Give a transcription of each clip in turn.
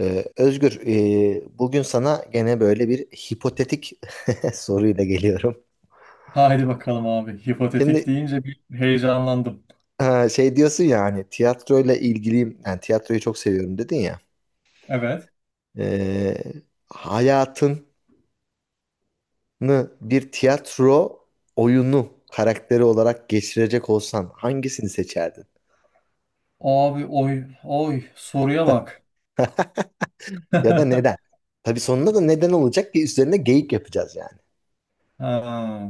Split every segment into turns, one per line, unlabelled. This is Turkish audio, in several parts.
Özgür, bugün sana gene böyle bir hipotetik soruyla geliyorum.
Haydi bakalım abi. Hipotetik
Şimdi
deyince bir heyecanlandım.
ha, şey diyorsun ya hani tiyatroyla ilgiliyim, yani tiyatroyu çok seviyorum dedin ya.
Evet.
Ee, hayatını bir tiyatro oyunu karakteri olarak geçirecek olsan hangisini seçerdin?
Abi oy oy soruya bak.
Ya da neden? Tabii sonunda da neden olacak ki üzerine geyik yapacağız yani.
Ha,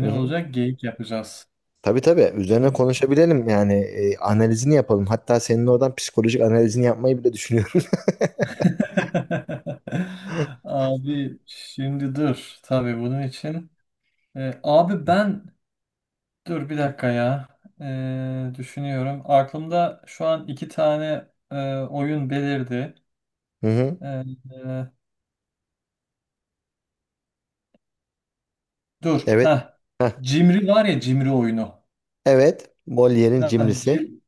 Hı hı.
olacak geyik yapacağız.
Tabii tabii üzerine konuşabilelim yani analizini yapalım. Hatta senin oradan psikolojik analizini yapmayı bile düşünüyorum.
Abi şimdi dur. Tabii bunun için. Abi ben dur bir dakika ya. E, düşünüyorum. Aklımda şu an iki tane oyun belirdi.
Hı hı.
E, e, Dur.
Evet.
Ha.
Heh.
Cimri var ya, cimri oyunu.
Evet. Molière'in
Ha,
cimrisi.
Jim,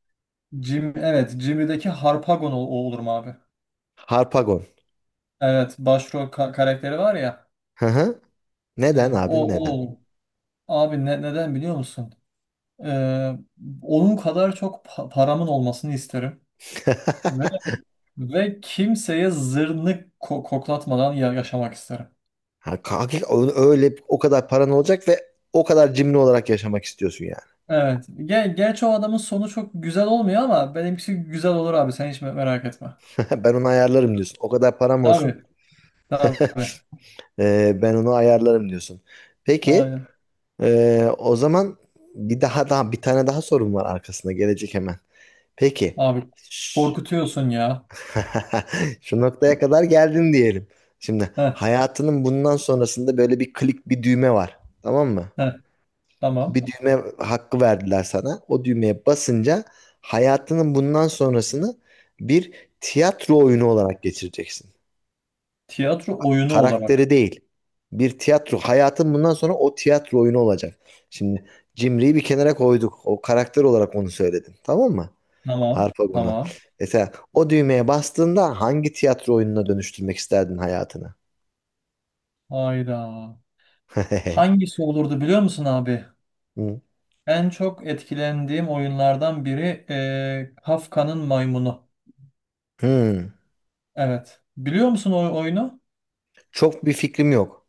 Evet, Jimmy'deki Harpagon o olur mu abi?
Harpagon.
Evet, karakteri var ya.
Hı hı. Neden abi
O
neden?
olur. Abi neden biliyor musun? Ee, Onun kadar çok paramın olmasını isterim. Ve, ve kimseye zırnık koklatmadan yaşamak isterim.
Öyle o kadar paran olacak ve o kadar cimri olarak yaşamak istiyorsun yani.
Evet. Gel, gerçi o adamın sonu çok güzel olmuyor ama benimkisi güzel olur abi. Sen hiç merak etme.
Ben onu ayarlarım diyorsun. O kadar param olsun.
Tabii. Tabii.
Ben onu ayarlarım diyorsun. Peki
Aynen.
o zaman bir tane daha sorun var arkasında gelecek hemen. Peki.
Abi, korkutuyorsun ya.
Şu noktaya kadar geldin diyelim. Şimdi
Heh,
hayatının bundan sonrasında böyle bir klik bir düğme var. Tamam mı?
heh, tamam.
Bir düğme hakkı verdiler sana. O düğmeye basınca hayatının bundan sonrasını bir tiyatro oyunu olarak geçireceksin.
Tiyatro oyunu
Karakteri
olarak.
değil. Bir tiyatro. Hayatın bundan sonra o tiyatro oyunu olacak. Şimdi Cimri'yi bir kenara koyduk. O karakter olarak onu söyledim. Tamam mı?
Tamam.
Harp Agunu.
Tamam.
Mesela o düğmeye bastığında hangi tiyatro oyununa dönüştürmek isterdin hayatını?
Hayda. Hangisi olurdu biliyor musun abi?
Hı.
En çok etkilendiğim oyunlardan biri Kafka'nın Maymunu.
Hı.
Evet. Biliyor musun o oyunu?
Çok bir fikrim yok.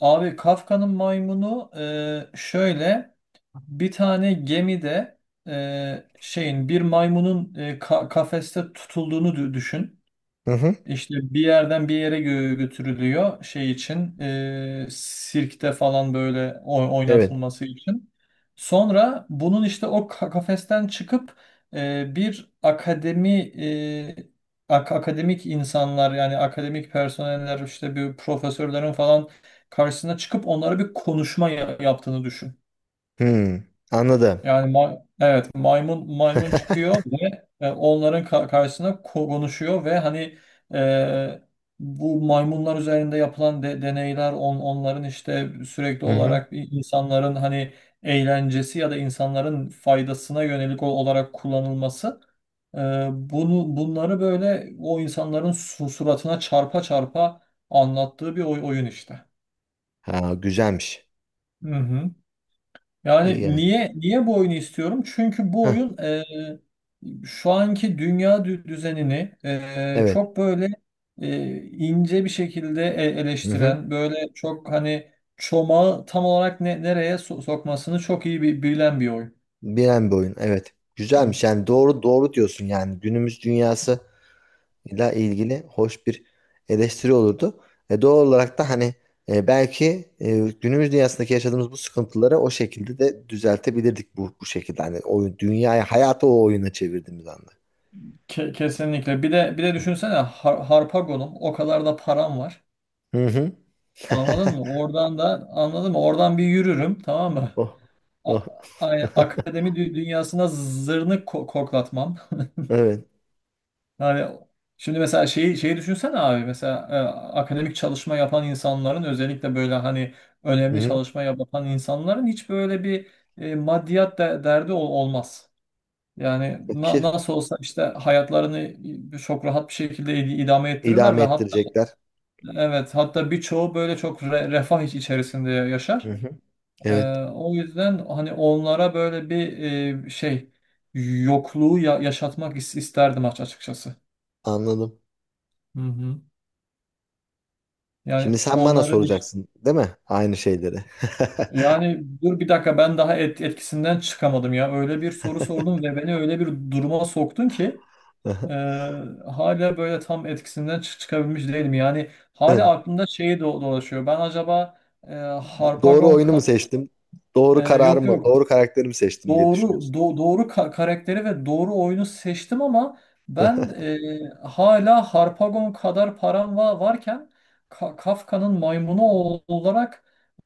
Abi, Kafka'nın Maymunu şöyle, bir tane gemide şeyin bir maymunun kafeste tutulduğunu düşün.
Hı hı.
İşte bir yerden bir yere götürülüyor, şey için, sirkte falan böyle
Evet.
oynatılması için. Sonra bunun işte o kafesten çıkıp bir akademi, e, akademik insanlar, yani akademik personeller, işte bir profesörlerin falan karşısına çıkıp onlara bir konuşma yaptığını düşün.
Hı. Anladım.
Yani maymun çıkıyor ve onların karşısına konuşuyor ve hani, e, bu maymunlar üzerinde yapılan deneyler, onların işte sürekli
Hı hı.
olarak insanların hani eğlencesi ya da insanların faydasına yönelik olarak kullanılması, e, bunu bunları böyle o insanların suratına çarpa çarpa anlattığı bir oyun işte.
Ha, güzelmiş.
Hı hı. Yani
Yani.
niye bu oyunu istiyorum? Çünkü bu
Heh,
oyun, şu anki dünya düzenini,
evet.
ince bir şekilde
Hı hı.
eleştiren, böyle çok hani çomağı tam olarak nereye sokmasını çok iyi bilen bir oyun.
Bilen bir oyun. Evet. Güzelmiş.
Evet.
Yani doğru doğru diyorsun yani. Günümüz dünyası ile ilgili hoş bir eleştiri olurdu. Doğal olarak da hani belki günümüz dünyasındaki yaşadığımız bu sıkıntıları o şekilde de düzeltebilirdik bu şekilde. Hani oyun, dünyayı hayatı o oyuna çevirdiğimiz anda.
Kesinlikle. Bir de düşünsene, Harpagon'um, o kadar da param var.
Hı hı.
Anladın mı? Oradan da anladın mı? Oradan bir yürürüm, tamam mı?
Oh.
A-
Oh.
Akademi dünyasına zırnık koklatmam.
Evet.
Yani şimdi mesela şeyi düşünsene abi, mesela akademik çalışma yapan insanların, özellikle böyle hani
Hı
önemli
hı.
çalışma yapan insanların hiç böyle bir maddiyat derdi olmaz. Yani
Ki
nasıl olsa işte hayatlarını çok rahat bir şekilde idame ettirirler
idame
ve hatta
ettirecekler.
evet, hatta birçoğu böyle çok refah içerisinde
Hı
yaşar.
hı.
E,
Evet.
O yüzden hani onlara böyle bir şey yokluğu yaşatmak isterdim açıkçası.
Anladım.
Hı hı.
Şimdi
Yani
sen bana
onların işte,
soracaksın, değil mi? Aynı şeyleri.
yani dur bir dakika, ben daha etkisinden çıkamadım ya. Öyle bir soru sordun ve beni öyle bir duruma soktun ki e,
Aha.
hala böyle tam etkisinden çıkabilmiş değilim. Yani hala
Evet.
aklımda şeyi dolaşıyor. Ben acaba, e,
Doğru
Harpagon
oyunu mu
kad-
seçtim? Doğru kararı
yok
mı?
yok,
Doğru karakterimi seçtim diye düşünüyorsun.
doğru karakteri ve doğru oyunu seçtim ama ben, hala Harpagon kadar param varken Ka- Kafka'nın maymunu olarak,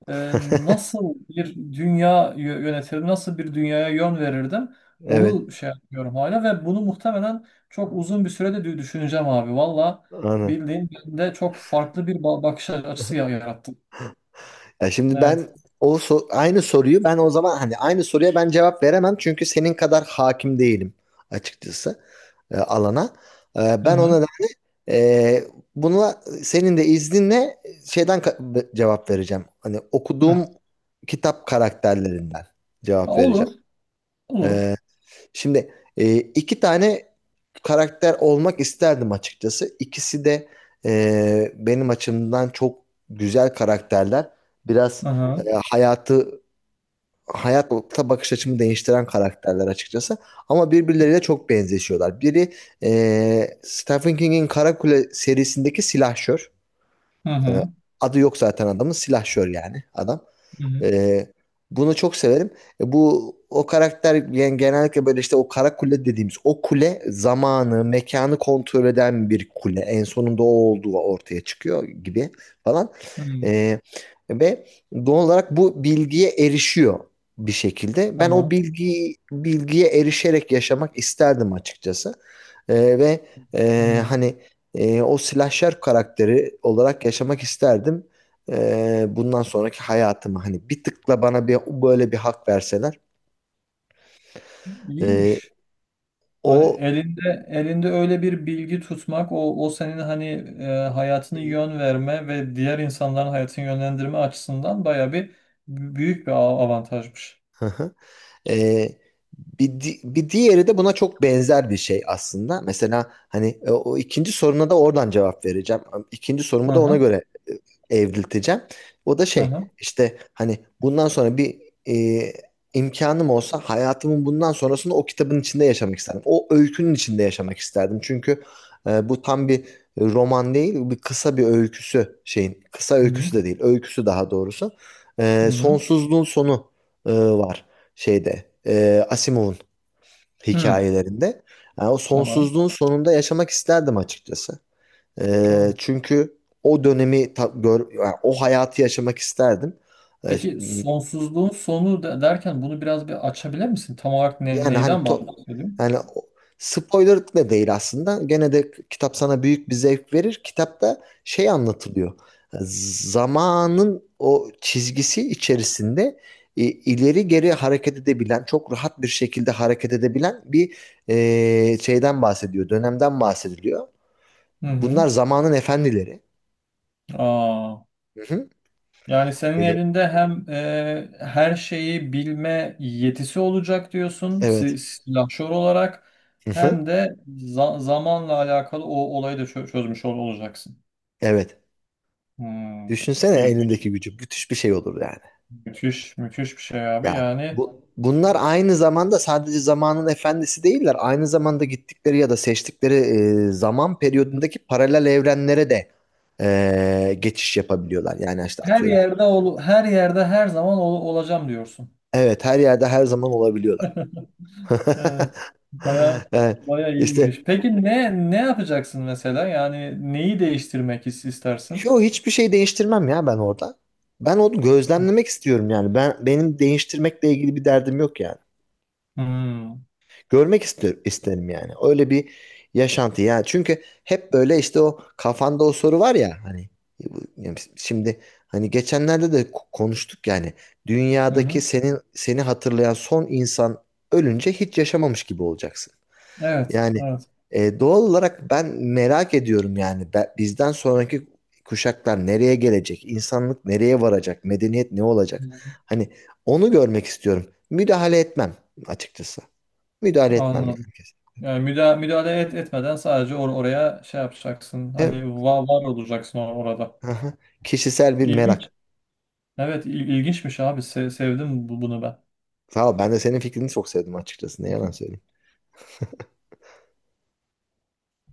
e, nasıl bir dünya yönetirdim, nasıl bir dünyaya yön verirdim,
Evet.
onu şey yapıyorum hala ve bunu muhtemelen çok uzun bir sürede düşüneceğim abi. Valla
Aynen.
bildiğin de çok farklı bir bakış açısı yarattı.
Ya şimdi
Evet.
aynı soruyu ben o zaman hani aynı soruya ben cevap veremem çünkü senin kadar hakim değilim açıkçası alana.
Hı
Ben
hı.
ona da e, buna senin de izninle şeyden cevap vereceğim. Hani okuduğum
Hı.
kitap karakterlerinden cevap vereceğim.
Olur. Olur.
E, Şimdi iki tane karakter olmak isterdim açıkçası. İkisi de benim açımdan çok güzel karakterler. Biraz
Hı
e,
hı.
hayatı hayata bakış açımı değiştiren karakterler açıkçası. Ama birbirleriyle çok benzeşiyorlar. Biri Stephen King'in Karakule serisindeki silahşör.
Hı hı.
Adı yok zaten adamın silahşör yani adam.
Hı hı.
Ee, bunu çok severim. Bu o karakter yani genellikle böyle işte o kara kule dediğimiz o kule zamanı, mekanı kontrol eden bir kule. En sonunda o olduğu ortaya çıkıyor gibi falan.
Hı.
Ee, ve doğal olarak bu bilgiye erişiyor bir şekilde. Ben o
Tamam.
bilgiye erişerek yaşamak isterdim açıkçası. Ve
Hı.
hani o slasher karakteri olarak yaşamak isterdim bundan sonraki hayatımı hani bir tıkla bana bir böyle bir hak verseler e,
İyiymiş. Hani
o.
elinde öyle bir bilgi tutmak, o senin hani hayatını
Hı
yön verme ve diğer insanların hayatını yönlendirme açısından bayağı bir büyük bir avantajmış.
hı. Ee, bir diğeri de buna çok benzer bir şey aslında. Mesela hani o ikinci soruna da oradan cevap vereceğim. İkinci sorumu da ona
Aha,
göre evrilteceğim. O da şey
aha.
işte hani bundan sonra bir e, imkanım olsa hayatımın bundan sonrasını o kitabın içinde yaşamak isterdim. O öykünün içinde yaşamak isterdim. Çünkü bu tam bir roman değil, kısa bir öyküsü şeyin. Kısa
Hı hı.
öyküsü de değil, öyküsü daha doğrusu.
Hı.
Sonsuzluğun sonu var şeyde Asimov'un
Hı.
hikayelerinde. Yani o
Tamam.
sonsuzluğun sonunda yaşamak isterdim açıkçası.
Tamam.
Çünkü o dönemi ta- gör, yani o hayatı yaşamak isterdim. E,
Peki, sonsuzluğun sonu derken bunu biraz bir açabilir misin? Tam olarak
Yani
neyden bahsediyorsun?
yani o- spoiler da değil aslında. Gene de kitap sana büyük bir zevk verir. Kitapta şey anlatılıyor. Zamanın o çizgisi içerisinde ileri geri hareket edebilen, çok rahat bir şekilde hareket edebilen bir şeyden bahsediyor, dönemden bahsediliyor.
Hı hı.
Bunlar zamanın efendileri.
Aa.
Hı hı.
Yani senin
E,
elinde hem her şeyi bilme yetisi olacak diyorsun
evet.
si- silahşor olarak,
Hı hı.
hem de zamanla alakalı o olayı da çözmüş olacaksın.
Evet.
Hmm.
Düşünsene
İlginç,
elindeki gücü. Müthiş bir şey olur yani.
müthiş bir şey abi.
Ya
Yani
bunlar aynı zamanda sadece zamanın efendisi değiller. Aynı zamanda gittikleri ya da seçtikleri zaman periyodundaki paralel evrenlere de geçiş yapabiliyorlar. Yani işte
her
atıyorum.
yerde her yerde her zaman olacağım diyorsun.
Evet her yerde her zaman olabiliyorlar.
Evet, baya
Evet,
baya
işte
iyiymiş. Peki ne yapacaksın mesela? Yani neyi değiştirmek istersin?
yo hiçbir şey değiştirmem ya ben orada. Ben onu gözlemlemek istiyorum yani. Benim değiştirmekle ilgili bir derdim yok yani.
Hmm.
İsterim yani. Öyle bir yaşantı ya. Çünkü hep böyle işte o kafanda o soru var ya hani yani şimdi hani geçenlerde de konuştuk yani
Hı
dünyadaki
hı.
senin seni hatırlayan son insan ölünce hiç yaşamamış gibi olacaksın.
Evet,
Yani
evet.
doğal olarak ben merak ediyorum yani bizden sonraki kuşaklar nereye gelecek? İnsanlık nereye varacak? Medeniyet ne olacak?
Hı.
Hani onu görmek istiyorum. Müdahale etmem açıkçası. Müdahale etmem
Anladım.
yani kesin.
Yani müdahale etmeden sadece oraya şey yapacaksın.
Evet.
Hani var olacaksın orada.
Aha. Kişisel bir
İlginç.
merak.
Evet, ilginçmiş abi. Sevdim bunu ben.
Sağ ol. Ben de senin fikrini çok sevdim açıkçası. Ne yalan söyleyeyim.